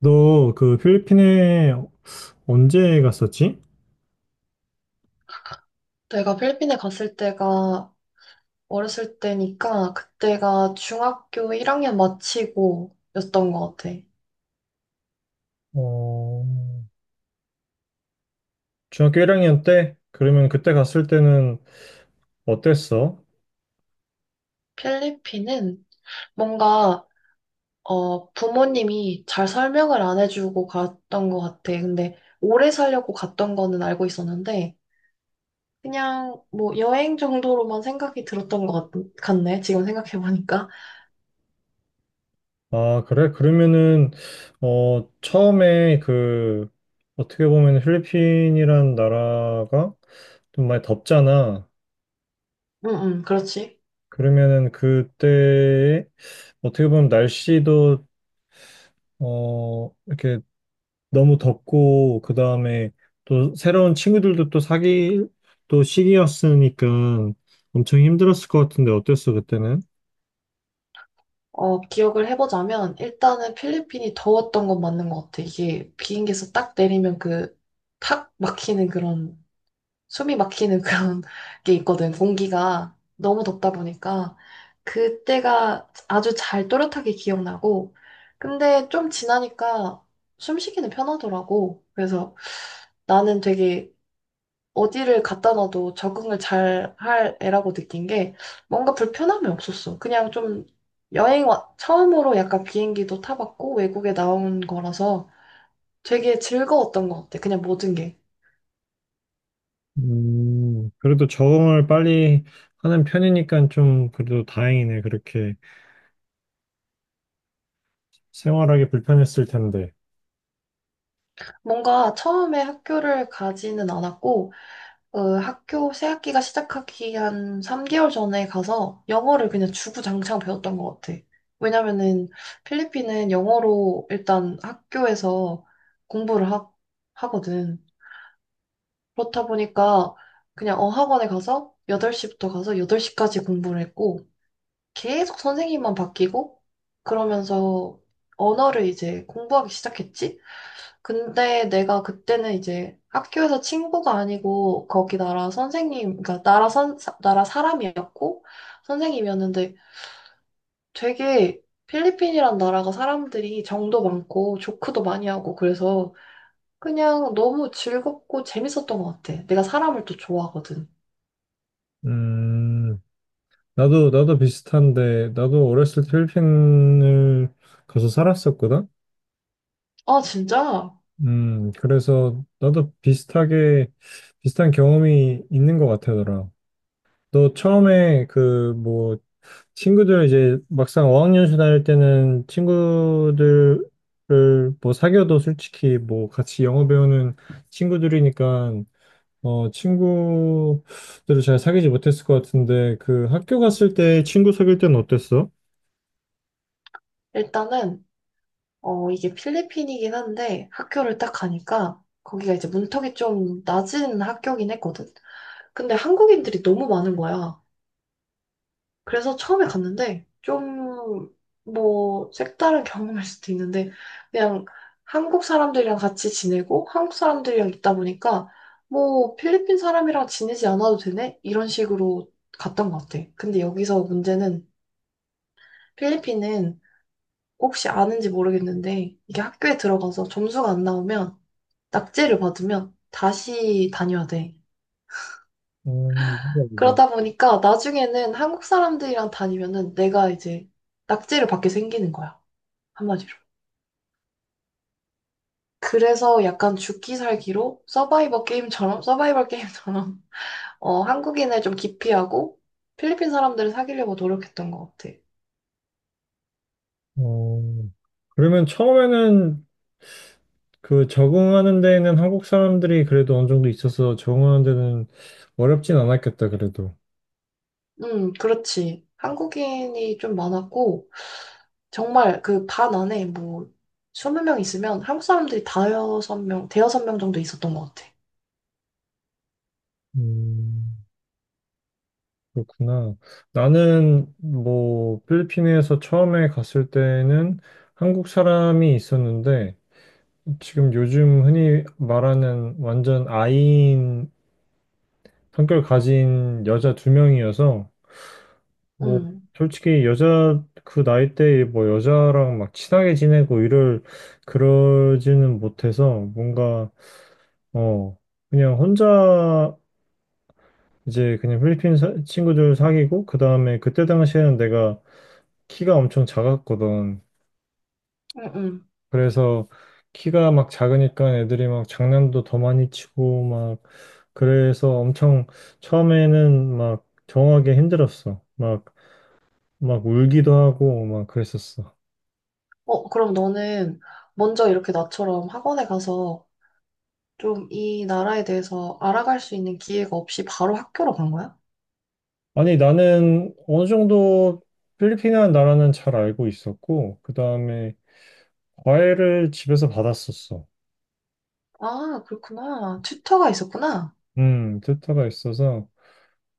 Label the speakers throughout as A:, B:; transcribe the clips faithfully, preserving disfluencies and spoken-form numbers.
A: 너 그 필리핀에 언제 갔었지?
B: 내가 필리핀에 갔을 때가 어렸을 때니까 그때가 중학교 일 학년 마치고였던 것 같아.
A: 어, 중학교 일 학년 때? 그러면 그때 갔을 때는 어땠어?
B: 필리핀은 뭔가 어, 부모님이 잘 설명을 안 해주고 갔던 것 같아. 근데 오래 살려고 갔던 거는 알고 있었는데 그냥 뭐 여행 정도로만 생각이 들었던 것 같, 같네. 지금 생각해보니까.
A: 아, 그래? 그러면은, 어, 처음에 그, 어떻게 보면 필리핀이란 나라가 좀 많이 덥잖아.
B: 응, 응, 그렇지.
A: 그러면은 그때, 어떻게 보면 날씨도, 어, 이렇게 너무 덥고 그 다음에 또 새로운 친구들도 또 사귈 또 시기였으니까 엄청 힘들었을 것 같은데 어땠어 그때는?
B: 어, 기억을 해보자면, 일단은 필리핀이 더웠던 건 맞는 것 같아. 이게 비행기에서 딱 내리면 그, 탁 막히는 그런, 숨이 막히는 그런 게 있거든. 공기가 너무 덥다 보니까. 그때가 아주 잘 또렷하게 기억나고, 근데 좀 지나니까 숨쉬기는 편하더라고. 그래서 나는 되게 어디를 갖다 놔도 적응을 잘 할 애라고 느낀 게 뭔가 불편함이 없었어. 그냥 좀 여행 와, 처음으로 약간 비행기도 타봤고 외국에 나온 거라서 되게 즐거웠던 것 같아. 그냥 모든 게.
A: 음, 그래도 적응을 빨리 하는 편이니까 좀 그래도 다행이네. 그렇게 생활하기 불편했을 텐데.
B: 뭔가 처음에 학교를 가지는 않았고, 어, 학교 새 학기가 시작하기 한 삼 개월 전에 가서 영어를 그냥 주구장창 배웠던 것 같아. 왜냐면은 필리핀은 영어로 일단 학교에서 공부를 하, 거든. 그렇다 보니까 그냥 어 학원에 가서 여덟 시부터 가서 여덟 시까지 공부를 했고 계속 선생님만 바뀌고 그러면서 언어를 이제 공부하기 시작했지. 근데 내가 그때는 이제 학교에서 친구가 아니고 거기 나라 선생님, 그러니까 나라 선, 사- 나라 사람이었고 선생님이었는데 되게 필리핀이란 나라가 사람들이 정도 많고 조크도 많이 하고 그래서 그냥 너무 즐겁고 재밌었던 것 같아. 내가 사람을 또 좋아하거든.
A: 음, 나도 나도 비슷한데 나도 어렸을 때 필리핀을 가서 살았었거든.
B: 아, 진짜?
A: 음, 그래서 나도 비슷하게 비슷한 경험이 있는 것 같더라. 너 처음에 그 뭐 친구들 이제 막상 어학연수 다닐 때는 친구들을 뭐 사귀어도 솔직히 뭐 같이 영어 배우는 친구들이니까 어 친구들을 잘 사귀지 못했을 것 같은데 그 학교 갔을 때 친구 사귈 때는 어땠어?
B: 일단은, 어, 이게 필리핀이긴 한데, 학교를 딱 가니까, 거기가 이제 문턱이 좀 낮은 학교긴 했거든. 근데 한국인들이 너무 많은 거야. 그래서 처음에 갔는데, 좀, 뭐, 색다른 경험일 수도 있는데, 그냥 한국 사람들이랑 같이 지내고, 한국 사람들이랑 있다 보니까, 뭐, 필리핀 사람이랑 지내지 않아도 되네? 이런 식으로 갔던 것 같아. 근데 여기서 문제는, 필리핀은 혹시 아는지 모르겠는데, 이게 학교에 들어가서 점수가 안 나오면, 낙제를 받으면 다시 다녀야 돼.
A: 음, 보자 보자.
B: 그러다 보니까 나중에는 한국 사람들이랑 다니면은 내가 이제 낙제를 받게 생기는 거야. 한마디로. 그래서 약간 죽기 살기로 서바이벌 게임처럼, 서바이벌 게임처럼, 어, 한국인을 좀 기피하고 필리핀 사람들을 사귀려고 노력했던 것 같아.
A: 어, 그러면 처음에는 그 적응하는 데에는 한국 사람들이 그래도 어느 정도 있어서 적응하는 데는 어렵진 않았겠다 그래도.
B: 음, 그렇지. 한국인이 좀 많았고, 정말 그 반 안에 뭐 스무 명 있으면 한국 사람들이 다여섯 명, 대여섯 명 정도 있었던 것 같아.
A: 음. 그렇구나. 나는 뭐 필리핀에서 처음에 갔을 때는 한국 사람이 있었는데 지금 요즘 흔히 말하는 완전 아이인 성격 가진 여자 두 명이어서 뭐
B: 응,
A: 솔직히 여자 그 나이 때에 뭐 여자랑 막 친하게 지내고 이럴 그러지는 못해서 뭔가 어 그냥 혼자 이제 그냥 필리핀 사- 친구들 사귀고 그 다음에 그때 당시에는 내가 키가 엄청 작았거든.
B: 응, 응.
A: 그래서 키가 막 작으니까 애들이 막 장난도 더 많이 치고 막 그래서 엄청 처음에는 막 정하기 힘들었어. 막 막 울기도 하고 막 그랬었어.
B: 어, 그럼 너는 먼저 이렇게 나처럼 학원에 가서 좀 이 나라에 대해서 알아갈 수 있는 기회가 없이 바로 학교로 간 거야?
A: 아니 나는 어느 정도 필리핀이라는 나라는 잘 알고 있었고 그다음에 과외를 집에서 받았었어.
B: 아, 그렇구나. 튜터가 있었구나.
A: 음, 듣다가 있어서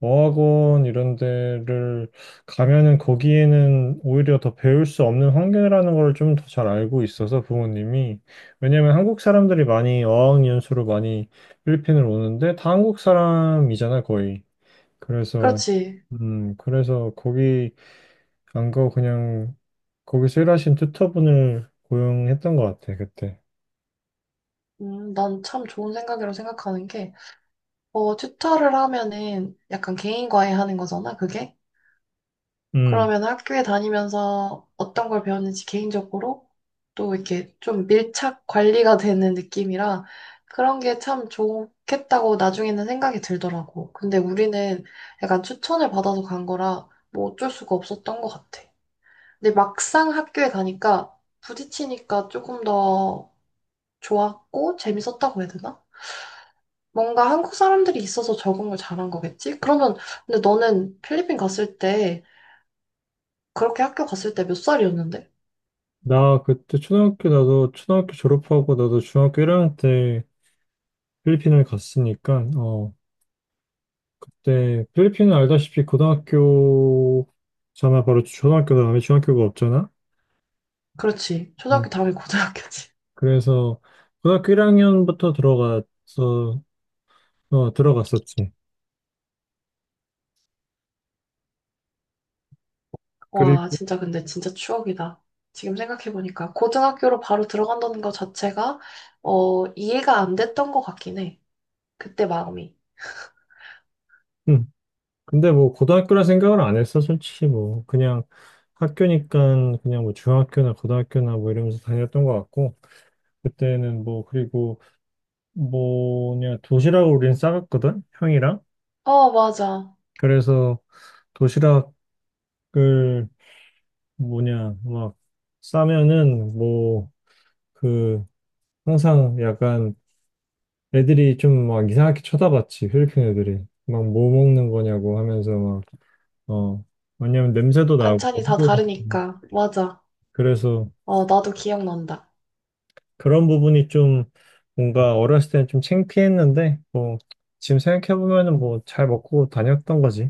A: 어학원 이런 데를 가면은 거기에는 오히려 더 배울 수 없는 환경이라는 걸 좀 더 잘 알고 있어서 부모님이 왜냐면 한국 사람들이 많이 어학 연수로 많이 필리핀을 오는데 다 한국 사람이잖아 거의. 그래서
B: 그렇지.
A: 음 그래서 거기 안 가고 그냥 거기서 일하신 튜터분을 고용했던 것 같아 그때.
B: 음, 난 참 좋은 생각이라고 생각하는 게, 어, 튜터를 하면은 약간 개인과외 하는 거잖아, 그게?
A: 음,
B: 그러면 학교에 다니면서 어떤 걸 배웠는지 개인적으로 또 이렇게 좀 밀착 관리가 되는 느낌이라 그런 게 참 좋겠다고 나중에는 생각이 들더라고. 근데 우리는 약간 추천을 받아서 간 거라 뭐 어쩔 수가 없었던 것 같아. 근데 막상 학교에 가니까 부딪히니까 조금 더 좋았고 재밌었다고 해야 되나? 뭔가 한국 사람들이 있어서 적응을 잘한 거겠지? 그러면 근데 너는 필리핀 갔을 때 그렇게 학교 갔을 때 몇 살이었는데?
A: 나 그때 초등학교 나도 초등학교 졸업하고 나도 중학교 일 학년 때 필리핀을 갔으니까 어, 그때 필리핀은 알다시피 고등학교잖아 바로 초등학교 다음에 중학교가 없잖아.
B: 그렇지.
A: 어,
B: 초등학교 다음에 고등학교지.
A: 그래서 고등학교 일 학년부터 들어가서 어, 들어갔었지.
B: 와,
A: 그리고
B: 진짜 근데 진짜 추억이다. 지금 생각해보니까 고등학교로 바로 들어간다는 것 자체가 어, 이해가 안 됐던 것 같긴 해. 그때 마음이.
A: 음, 근데 뭐 고등학교라 생각을 안 했어 솔직히 뭐 그냥 학교니까 그냥 뭐 중학교나 고등학교나 뭐 이러면서 다녔던 것 같고 그때는 뭐 그리고 뭐냐 도시락을 우린 싸갔거든 형이랑.
B: 어, 맞아.
A: 그래서 도시락을 뭐냐, 막, 싸면은, 뭐, 그, 항상 약간 애들이 좀 막 이상하게 쳐다봤지, 필리핀 애들이. 막 뭐 먹는 거냐고 하면서 막, 어, 왜냐면 냄새도 나고,
B: 반찬이 다
A: 하도
B: 다르니까. 맞아.
A: 그래서
B: 어, 나도 기억난다.
A: 그런 부분이 좀 뭔가 어렸을 때는 좀 창피했는데, 뭐, 지금 생각해보면은 뭐 잘 먹고 다녔던 거지.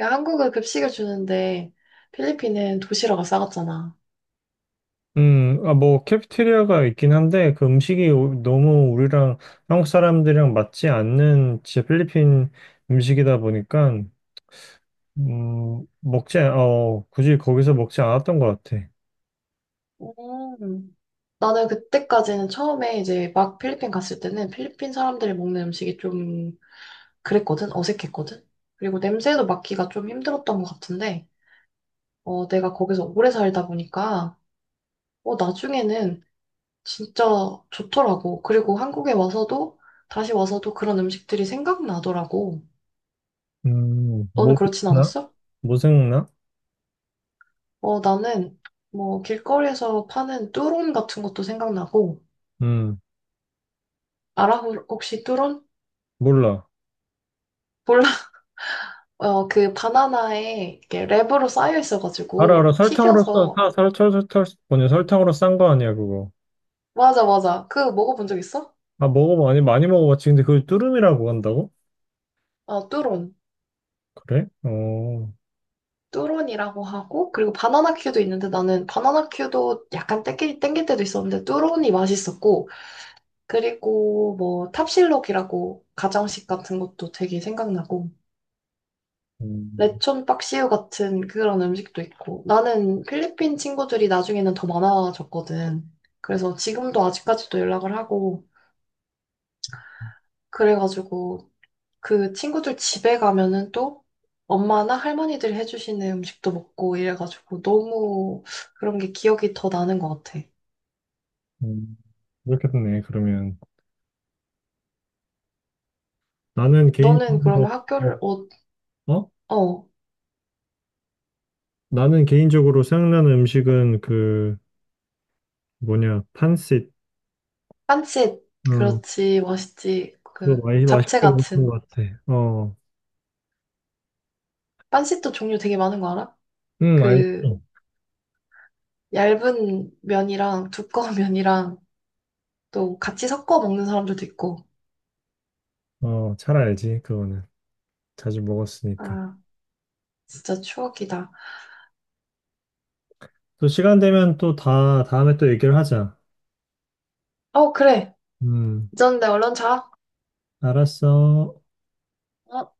B: 야, 한국은 급식을 주는데 필리핀은 도시락을 싸갔잖아.
A: 음, 아, 뭐, 캐피테리아가 있긴 한데, 그 음식이 오- 너무 우리랑 한국 사람들이랑 맞지 않는 진짜 필리핀 음식이다 보니까, 음, 먹지, 않- 어, 굳이 거기서 먹지 않았던 것 같아.
B: 음. 나는 그때까지는 처음에 이제 막 필리핀 갔을 때는 필리핀 사람들이 먹는 음식이 좀 그랬거든? 어색했거든? 그리고 냄새도 맡기가 좀 힘들었던 것 같은데, 어, 내가 거기서 오래 살다 보니까, 어, 나중에는 진짜 좋더라고. 그리고 한국에 와서도, 다시 와서도 그런 음식들이 생각나더라고.
A: 음,
B: 너는
A: 뭐
B: 그렇진
A: 생각나?
B: 않았어?
A: 뭐 생각나?
B: 어, 나는 뭐 길거리에서 파는 뚜론 같은 것도 생각나고,
A: 음,
B: 알아? 혹시 뚜론?
A: 몰라.
B: 몰라. 어, 그 바나나에 이렇게 랩으로 쌓여
A: 알아, 알아.
B: 있어가지고,
A: 설탕으로 써,
B: 튀겨서,
A: 사, 설탕, 설탕, 뭐냐, 설탕으로 싼 거 아니야, 그거.
B: 맞아, 맞아. 그 먹어본 적 있어?
A: 아, 먹어봐. 아니, 많이 먹어봤지. 근데 그걸 뚜름이라고 한다고?
B: 아, 뚜론.
A: 그래? 어,
B: 뚜론이라고 하고, 그리고 바나나 큐도 있는데 나는 바나나 큐도 약간 땡길, 땡길 때도 있었는데 뚜론이 맛있었고, 그리고 뭐 탑실록이라고 가정식 같은 것도 되게 생각나고,
A: 음,
B: 레촌 박시우 같은 그런 음식도 있고, 나는 필리핀 친구들이 나중에는 더 많아졌거든. 그래서 지금도 아직까지도 연락을 하고, 그래가지고 그 친구들 집에 가면은 또 엄마나 할머니들이 해주시는 음식도 먹고 이래가지고 너무 그런 게 기억이 더 나는 것 같아.
A: 음. 그렇게 됐네, 그러면. 나는
B: 너는
A: 개인적으로.
B: 그러면 학교를, 어,
A: 어?
B: 어,
A: 나는 개인적으로 생각나는 음식은 그 뭐냐 판sit.
B: 빤짓.
A: 어
B: 그렇지, 맛있지.
A: 그거
B: 그
A: 많이
B: 잡채
A: 맛있게 먹었던
B: 같은.
A: 것 같아. 어응,
B: 빤짓도 종류 되게 많은 거 알아? 그
A: 알지.
B: 얇은 면이랑 두꺼운 면이랑 또 같이 섞어 먹는 사람들도 있고.
A: 어잘 알지 그거는, 자주 먹었으니까.
B: 아, 진짜 추억이다.
A: 또 시간 되면 또 다 다음에 또 얘기를 하자.
B: 어, 그래.
A: 음
B: 잊었는데 얼른 자.
A: 알았어.
B: 어?